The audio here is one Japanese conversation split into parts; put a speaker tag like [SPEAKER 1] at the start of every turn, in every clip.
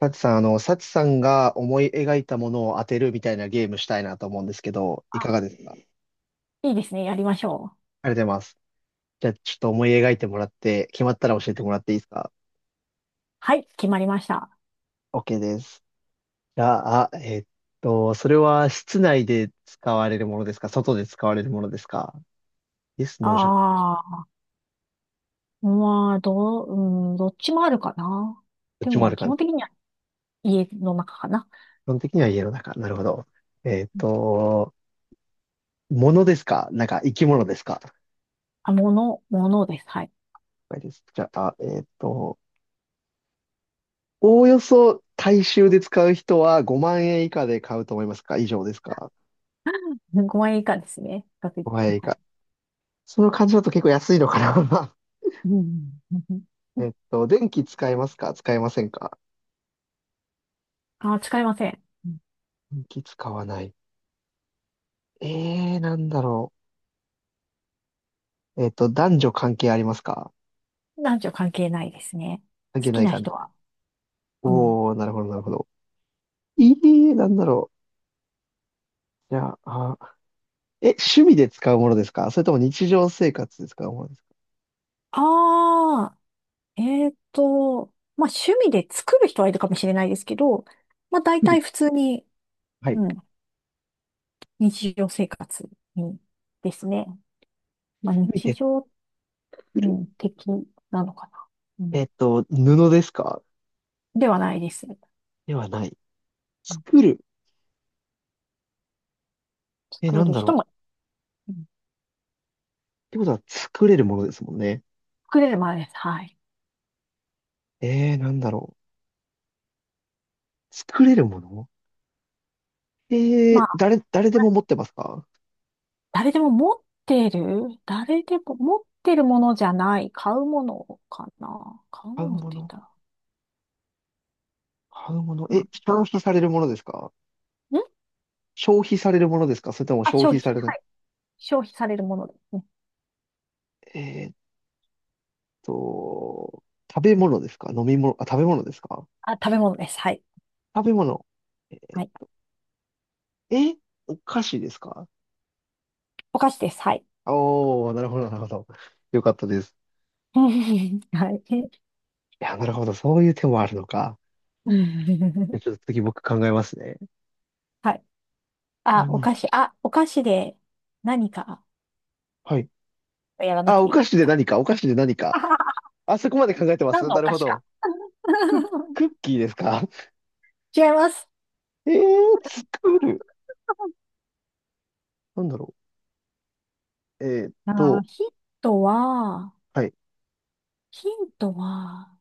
[SPEAKER 1] サチさん、サチさんが思い描いたものを当てるみたいなゲームしたいなと思うんですけど、い
[SPEAKER 2] あ、
[SPEAKER 1] かがですか？ありが
[SPEAKER 2] いいですね。やりましょう。
[SPEAKER 1] とうございます。じゃあ、ちょっと思い描いてもらって、決まったら教えてもらっていいですか？
[SPEAKER 2] はい、決まりました。
[SPEAKER 1] OK です。じゃあ、それは室内で使われるものですか、外で使われるものですか？ Yes, No じゃない。
[SPEAKER 2] ああ、まあ、うん、どっちもあるかな。
[SPEAKER 1] どっ
[SPEAKER 2] で
[SPEAKER 1] ちもあ
[SPEAKER 2] も、
[SPEAKER 1] る
[SPEAKER 2] 基
[SPEAKER 1] 感
[SPEAKER 2] 本
[SPEAKER 1] じ。
[SPEAKER 2] 的には家の中かな。
[SPEAKER 1] 基本的には家の中。なるほど。えっと、ものですか、なんか生き物ですか？
[SPEAKER 2] あ、ものです。はい。
[SPEAKER 1] 了解です。じゃあ、おおよそ大衆で使う人は5万円以下で買うと思いますか、以上ですか？
[SPEAKER 2] 5万円以下ですね。確実
[SPEAKER 1] 5 万
[SPEAKER 2] に
[SPEAKER 1] 円以
[SPEAKER 2] はい。
[SPEAKER 1] 下。その感じだと結構安いのかな。
[SPEAKER 2] うんうん、
[SPEAKER 1] 電気使えますか、使えませんか？
[SPEAKER 2] あ、使いません。うん。
[SPEAKER 1] 電気使わない。なんだろう。男女関係ありますか？
[SPEAKER 2] 男女関係ないですね。
[SPEAKER 1] 関
[SPEAKER 2] 好
[SPEAKER 1] 係な
[SPEAKER 2] き
[SPEAKER 1] い
[SPEAKER 2] な
[SPEAKER 1] 感
[SPEAKER 2] 人
[SPEAKER 1] じ。
[SPEAKER 2] は。うん。
[SPEAKER 1] おー、なるほど、なるほど。なんだろう。じゃあ、趣味で使うものですか、それとも日常生活で使うものですか？
[SPEAKER 2] ああ、えっと、まあ、趣味で作る人はいるかもしれないですけど、まあ、大
[SPEAKER 1] 作る。
[SPEAKER 2] 体普通に、
[SPEAKER 1] はい。
[SPEAKER 2] うん、日常生活にですね。まあ、
[SPEAKER 1] 趣味
[SPEAKER 2] 日
[SPEAKER 1] で
[SPEAKER 2] 常、う
[SPEAKER 1] 作る。
[SPEAKER 2] ん、的なのかな。うん、
[SPEAKER 1] 布ですか？
[SPEAKER 2] ではないです。う
[SPEAKER 1] ではない。
[SPEAKER 2] ん、
[SPEAKER 1] 作る。え、な
[SPEAKER 2] 作
[SPEAKER 1] ん
[SPEAKER 2] る
[SPEAKER 1] だ
[SPEAKER 2] 人
[SPEAKER 1] ろう。
[SPEAKER 2] も、うん、
[SPEAKER 1] てことは作れるものですもんね。
[SPEAKER 2] 作れるまでです。はい。
[SPEAKER 1] なんだろう。作れるもの、え
[SPEAKER 2] まあ、
[SPEAKER 1] 誰でも持ってますか？
[SPEAKER 2] 誰でも持ってる、誰でも持ってるものじゃない、買うものかな。買う
[SPEAKER 1] 買う
[SPEAKER 2] ものっ
[SPEAKER 1] も
[SPEAKER 2] て言っ
[SPEAKER 1] の。
[SPEAKER 2] たら。
[SPEAKER 1] 買うもの、
[SPEAKER 2] うん。
[SPEAKER 1] え、
[SPEAKER 2] ん、
[SPEAKER 1] 消費されるものですか？消費されるものですか、それとも
[SPEAKER 2] あ、
[SPEAKER 1] 消
[SPEAKER 2] 消
[SPEAKER 1] 費さ
[SPEAKER 2] 費。
[SPEAKER 1] れ
[SPEAKER 2] は
[SPEAKER 1] る、
[SPEAKER 2] い。消費されるものですね。
[SPEAKER 1] えーっと、食べ物ですか、飲み物、あ、食べ物ですか？
[SPEAKER 2] あ、食べ物です。はい。
[SPEAKER 1] 食べ物。え
[SPEAKER 2] はい。
[SPEAKER 1] ー、えお菓子ですか？
[SPEAKER 2] お菓子です。はい。
[SPEAKER 1] おー、なるほど、なるほど。よかったです。
[SPEAKER 2] はい。
[SPEAKER 1] いや、なるほど。そういう手もあるのか。じゃあち ょっと次僕考えますね。
[SPEAKER 2] はい。あ、
[SPEAKER 1] 何
[SPEAKER 2] お菓
[SPEAKER 1] し、
[SPEAKER 2] 子。あ、お菓子で何か
[SPEAKER 1] はい。
[SPEAKER 2] やらな
[SPEAKER 1] あ、
[SPEAKER 2] く
[SPEAKER 1] お
[SPEAKER 2] てい
[SPEAKER 1] 菓子
[SPEAKER 2] い
[SPEAKER 1] で
[SPEAKER 2] か。
[SPEAKER 1] 何か、お菓子で何 か。
[SPEAKER 2] あははは、
[SPEAKER 1] あそこまで考えてま
[SPEAKER 2] 何
[SPEAKER 1] す
[SPEAKER 2] の
[SPEAKER 1] な
[SPEAKER 2] お
[SPEAKER 1] る
[SPEAKER 2] 菓
[SPEAKER 1] ほ
[SPEAKER 2] 子か。
[SPEAKER 1] ど。ク、クッキーですか？
[SPEAKER 2] 違います。
[SPEAKER 1] えー、作る。なんだろう。
[SPEAKER 2] あー、ヒントは、
[SPEAKER 1] はい。
[SPEAKER 2] ヒントは、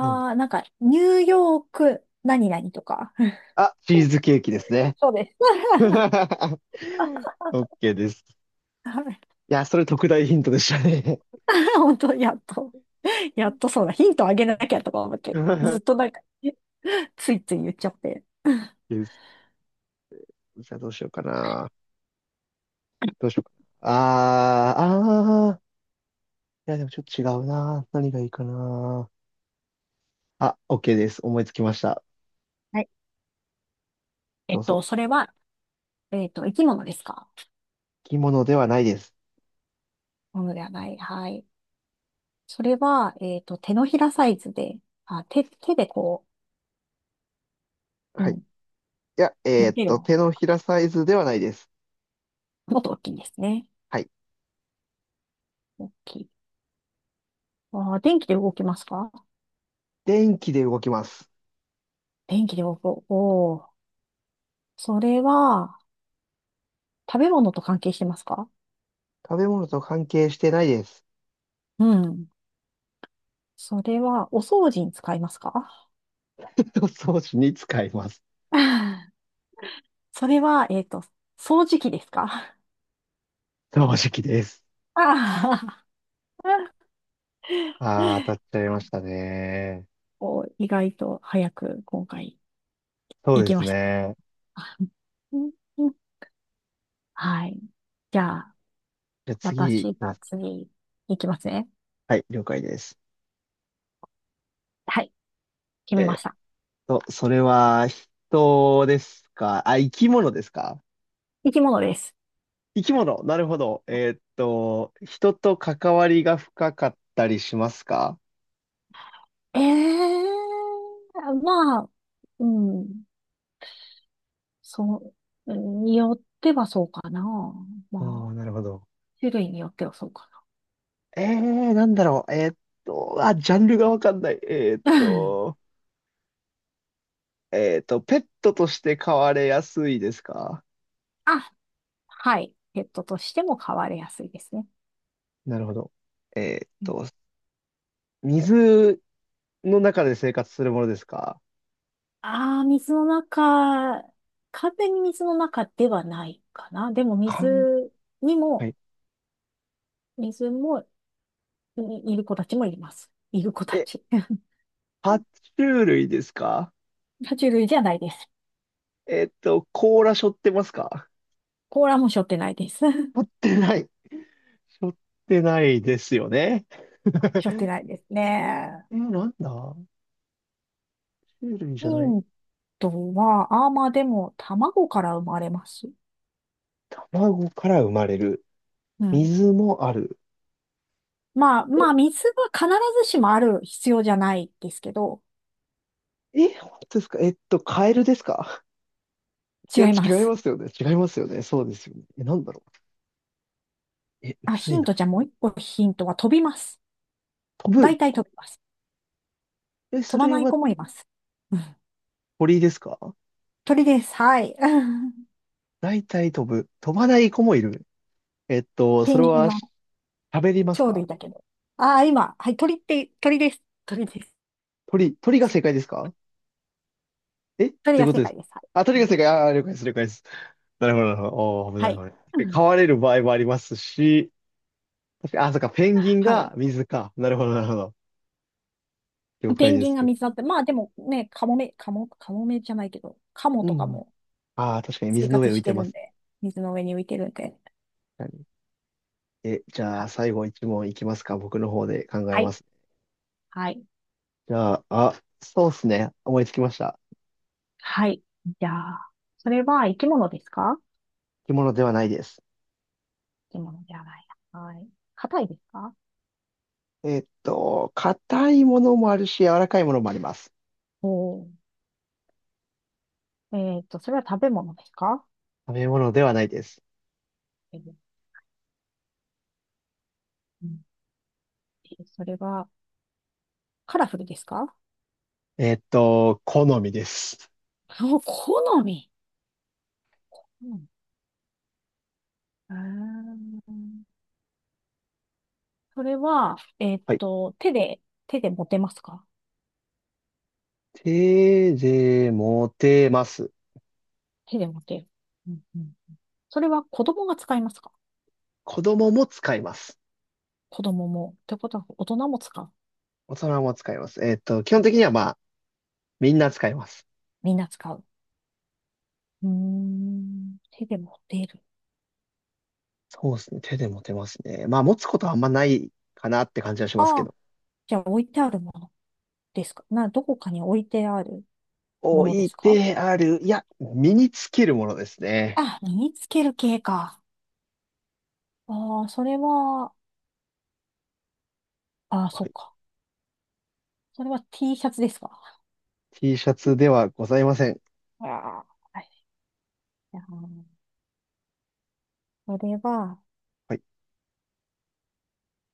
[SPEAKER 1] なんだ。
[SPEAKER 2] ー、なんか、ニューヨーク、何々とか。
[SPEAKER 1] あ、チーズケーキですね。
[SPEAKER 2] そうです。
[SPEAKER 1] オッケーです。
[SPEAKER 2] はい。
[SPEAKER 1] いや、それ特大ヒントでしたね。
[SPEAKER 2] 本当、やっとそうだ。ヒントあげなきゃとか思って、ず っとなんか、ついつい言っちゃって。
[SPEAKER 1] です。じゃあどうしようかな。どうしようかな。あー、あー。いや、でもちょっと違うな。何がいいかな。あ、オッケーです。思いつきました。
[SPEAKER 2] はい。
[SPEAKER 1] どうぞ。
[SPEAKER 2] それは、生き物ですか？
[SPEAKER 1] 着物ではないです。
[SPEAKER 2] ものではない。はい。それは、手のひらサイズで、あ、手でこう、う
[SPEAKER 1] はい。い
[SPEAKER 2] ん、
[SPEAKER 1] や、
[SPEAKER 2] 持てるもの。
[SPEAKER 1] 手のひらサイズではないです。
[SPEAKER 2] もっと大きいんですね。
[SPEAKER 1] はい。
[SPEAKER 2] 大きい。電気で動きますか？
[SPEAKER 1] 電気で動きます。
[SPEAKER 2] 電気で動く。おー。それは、食べ物と関係してますか？
[SPEAKER 1] 食べ物と関係してないです。
[SPEAKER 2] うん。それは、お掃除に使いますか？
[SPEAKER 1] 装置に使います。
[SPEAKER 2] あー、 それは、掃除機ですか？
[SPEAKER 1] 掃除機です。
[SPEAKER 2] あー、
[SPEAKER 1] あー、当たっちゃい
[SPEAKER 2] あ、
[SPEAKER 1] ましたね。
[SPEAKER 2] お、意外と早く今回
[SPEAKER 1] そ
[SPEAKER 2] 行
[SPEAKER 1] うで
[SPEAKER 2] き
[SPEAKER 1] す
[SPEAKER 2] ました。
[SPEAKER 1] ね。
[SPEAKER 2] あ、うんうん、はい。じゃあ、
[SPEAKER 1] じゃあ次いき
[SPEAKER 2] 私
[SPEAKER 1] ま
[SPEAKER 2] が
[SPEAKER 1] す。
[SPEAKER 2] 次、いきますね。
[SPEAKER 1] はい、了解です。
[SPEAKER 2] はい、決め
[SPEAKER 1] えー
[SPEAKER 2] ま
[SPEAKER 1] っ
[SPEAKER 2] した。
[SPEAKER 1] それは人ですか、あ、生き物ですか？
[SPEAKER 2] 生き物です。
[SPEAKER 1] 生き物。なるほど。人と関わりが深かったりしますか？
[SPEAKER 2] ええー、まあ、うん、そによってはそうかな。
[SPEAKER 1] お
[SPEAKER 2] ま
[SPEAKER 1] ー、
[SPEAKER 2] あ、
[SPEAKER 1] なるほど。
[SPEAKER 2] 種類によってはそうか
[SPEAKER 1] なんだろう。あ、ジャンルがわかんない。
[SPEAKER 2] な。うん。
[SPEAKER 1] ペットとして飼われやすいですか？
[SPEAKER 2] あ、はい。ペットとしても飼われやすいですね。
[SPEAKER 1] なるほど。えっ
[SPEAKER 2] うん。
[SPEAKER 1] と、水の中で生活するものですか？
[SPEAKER 2] ああ、水の中、完全に水の中ではないかな。でも
[SPEAKER 1] かん、
[SPEAKER 2] 水に
[SPEAKER 1] は
[SPEAKER 2] も、
[SPEAKER 1] い。
[SPEAKER 2] 水も、いいる子たちもいます。いる子た
[SPEAKER 1] え、
[SPEAKER 2] ち。
[SPEAKER 1] 爬虫類ですか？
[SPEAKER 2] 爬虫類じゃないです。
[SPEAKER 1] 甲羅背負ってますか？
[SPEAKER 2] 甲羅も背負ってないです。
[SPEAKER 1] 背 負ってない。背負ってないですよね。
[SPEAKER 2] 背負って ないですね。
[SPEAKER 1] なんだ、種類じ
[SPEAKER 2] ヒ
[SPEAKER 1] ゃない。
[SPEAKER 2] ントは、まあでも、卵から生まれます。
[SPEAKER 1] 卵から生まれる。
[SPEAKER 2] うん。
[SPEAKER 1] 水もある。
[SPEAKER 2] まあ、
[SPEAKER 1] え、
[SPEAKER 2] まあ、水は必ずしもある必要じゃないですけど、
[SPEAKER 1] え、本当ですか？カエルですか？いや、
[SPEAKER 2] 違い
[SPEAKER 1] 違
[SPEAKER 2] ま
[SPEAKER 1] い
[SPEAKER 2] す。
[SPEAKER 1] ますよね。違いますよね。そうですよね。え、なんだろう。え、む
[SPEAKER 2] あ、
[SPEAKER 1] ず
[SPEAKER 2] ヒ
[SPEAKER 1] い
[SPEAKER 2] ン
[SPEAKER 1] な。
[SPEAKER 2] トじゃもう一個ヒントは飛びます。
[SPEAKER 1] 飛ぶ。
[SPEAKER 2] 大体飛びます。
[SPEAKER 1] え、
[SPEAKER 2] 飛
[SPEAKER 1] そ
[SPEAKER 2] ば
[SPEAKER 1] れ
[SPEAKER 2] ない
[SPEAKER 1] は
[SPEAKER 2] 子もいます。うん。
[SPEAKER 1] 鳥ですか？
[SPEAKER 2] 鳥です。はい。
[SPEAKER 1] 大体飛ぶ。飛ばない子もいる。
[SPEAKER 2] ペ
[SPEAKER 1] そ
[SPEAKER 2] ン
[SPEAKER 1] れ
[SPEAKER 2] ギン
[SPEAKER 1] は
[SPEAKER 2] は
[SPEAKER 1] 喋ります
[SPEAKER 2] 鳥
[SPEAKER 1] か？
[SPEAKER 2] 類だけど。ああ、今、はい、鳥って、鳥です。鳥です。
[SPEAKER 1] 鳥が正解ですか？え、ど
[SPEAKER 2] 鳥
[SPEAKER 1] ういう
[SPEAKER 2] が
[SPEAKER 1] こと
[SPEAKER 2] 正
[SPEAKER 1] です
[SPEAKER 2] 解
[SPEAKER 1] か？
[SPEAKER 2] です。はい。
[SPEAKER 1] あ、
[SPEAKER 2] う
[SPEAKER 1] 鳥が
[SPEAKER 2] ん、
[SPEAKER 1] 正解。あー、了解です、了解です。なるほど、なるほど。おー、危な
[SPEAKER 2] は
[SPEAKER 1] い、危
[SPEAKER 2] い。
[SPEAKER 1] な
[SPEAKER 2] う
[SPEAKER 1] い。飼
[SPEAKER 2] ん、
[SPEAKER 1] われる場合もありますし、確かに、あ、そっか、ペンギン
[SPEAKER 2] はい。
[SPEAKER 1] が水か。なるほど、なるほど。了
[SPEAKER 2] ペ
[SPEAKER 1] 解
[SPEAKER 2] ン
[SPEAKER 1] で
[SPEAKER 2] ギン
[SPEAKER 1] す。
[SPEAKER 2] が水だって、まあでもね、カモメ、カモ、カモメじゃないけど、カモ
[SPEAKER 1] う
[SPEAKER 2] とか
[SPEAKER 1] ん。
[SPEAKER 2] も
[SPEAKER 1] ああ、確かに
[SPEAKER 2] 生
[SPEAKER 1] 水の
[SPEAKER 2] 活
[SPEAKER 1] 上浮い
[SPEAKER 2] し
[SPEAKER 1] て
[SPEAKER 2] て
[SPEAKER 1] ま
[SPEAKER 2] るん
[SPEAKER 1] すね。
[SPEAKER 2] で、水の上に浮いてるんで。
[SPEAKER 1] 確かに、え、じゃあ、
[SPEAKER 2] は、
[SPEAKER 1] 最後一問いきますか。僕の方で考え
[SPEAKER 2] は
[SPEAKER 1] ま
[SPEAKER 2] い、
[SPEAKER 1] すね。
[SPEAKER 2] はい、
[SPEAKER 1] じゃあ、あ、そうっすね。思いつきました。
[SPEAKER 2] はい。じゃあ、それは生き物ですか？
[SPEAKER 1] 着物ではないです。
[SPEAKER 2] 生き物ではないな。はい。硬いですか？
[SPEAKER 1] 硬いものもあるし、柔らかいものもあります。
[SPEAKER 2] おー。それは食べ物ですか？
[SPEAKER 1] 食べ物ではないです。
[SPEAKER 2] 食べ物。うん。えー、それはカラフルですか？
[SPEAKER 1] 好みです。
[SPEAKER 2] お、好み。うん。あーそれは、
[SPEAKER 1] はい。
[SPEAKER 2] 手で持てますか？
[SPEAKER 1] 手で持てます。
[SPEAKER 2] 手で持てる。うんうん、それは子供が使いますか？
[SPEAKER 1] 子供も使います。
[SPEAKER 2] 子供も。ってことは大人も使う。
[SPEAKER 1] 大人も使います。基本的にはまあ、みんな使います。
[SPEAKER 2] みんな使う。うーん。手で持っている。
[SPEAKER 1] そうですね。手で持てますね。まあ、持つことはあんまないかなって感じはしますけ
[SPEAKER 2] ああ、
[SPEAKER 1] ど。
[SPEAKER 2] じゃあ置いてあるものですかな、どこかに置いてあるも
[SPEAKER 1] 置
[SPEAKER 2] ので
[SPEAKER 1] い
[SPEAKER 2] すか？
[SPEAKER 1] てある。いや、身につけるものですね。
[SPEAKER 2] あ、身につける系か。ああ、それは、ああ、
[SPEAKER 1] は
[SPEAKER 2] そう
[SPEAKER 1] い。
[SPEAKER 2] か。それは T シャツですか？
[SPEAKER 1] T シャツではございません。
[SPEAKER 2] ああ、はい。あーそれは、
[SPEAKER 1] はい。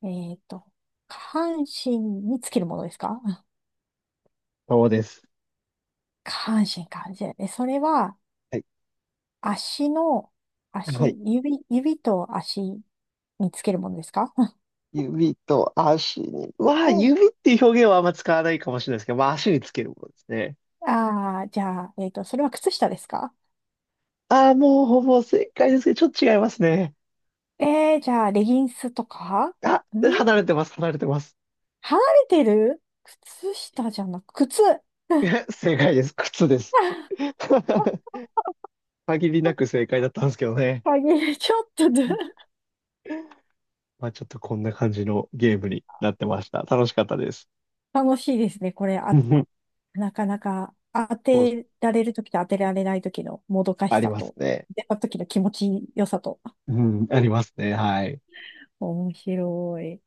[SPEAKER 2] えっと、下半身につけるものですか？あ、
[SPEAKER 1] そうです。
[SPEAKER 2] 下半身か。じゃあ、それは、
[SPEAKER 1] はい。
[SPEAKER 2] 足の、足、
[SPEAKER 1] はい。
[SPEAKER 2] 指と足につけるものですか？
[SPEAKER 1] 指と足に。まあ、
[SPEAKER 2] うん。
[SPEAKER 1] 指っていう表現はあんま使わないかもしれないですけど、まあ、足につけるものですね。
[SPEAKER 2] ああ、じゃあ、それは靴下ですか？
[SPEAKER 1] ああ、もうほぼ正解ですけど、ちょっと違いますね。
[SPEAKER 2] じゃあ、レギンスとか
[SPEAKER 1] あ、離れてます、離れてます。
[SPEAKER 2] 離れてる靴下じゃなく、靴、
[SPEAKER 1] え、正解です。靴です。限りなく正解だったんですけどね。
[SPEAKER 2] 鍵、ちょっとで。
[SPEAKER 1] まあ、ちょっとこんな感じのゲームになってました。楽しかったです。
[SPEAKER 2] 楽しいですね。これ、あ、なかなか当
[SPEAKER 1] そう、
[SPEAKER 2] てられるときと当てられないときのもどかし
[SPEAKER 1] あり
[SPEAKER 2] さ
[SPEAKER 1] ます
[SPEAKER 2] と、
[SPEAKER 1] ね。
[SPEAKER 2] 当てたときの気持ちよさと。
[SPEAKER 1] うん、ありますね。はい。
[SPEAKER 2] 面白い。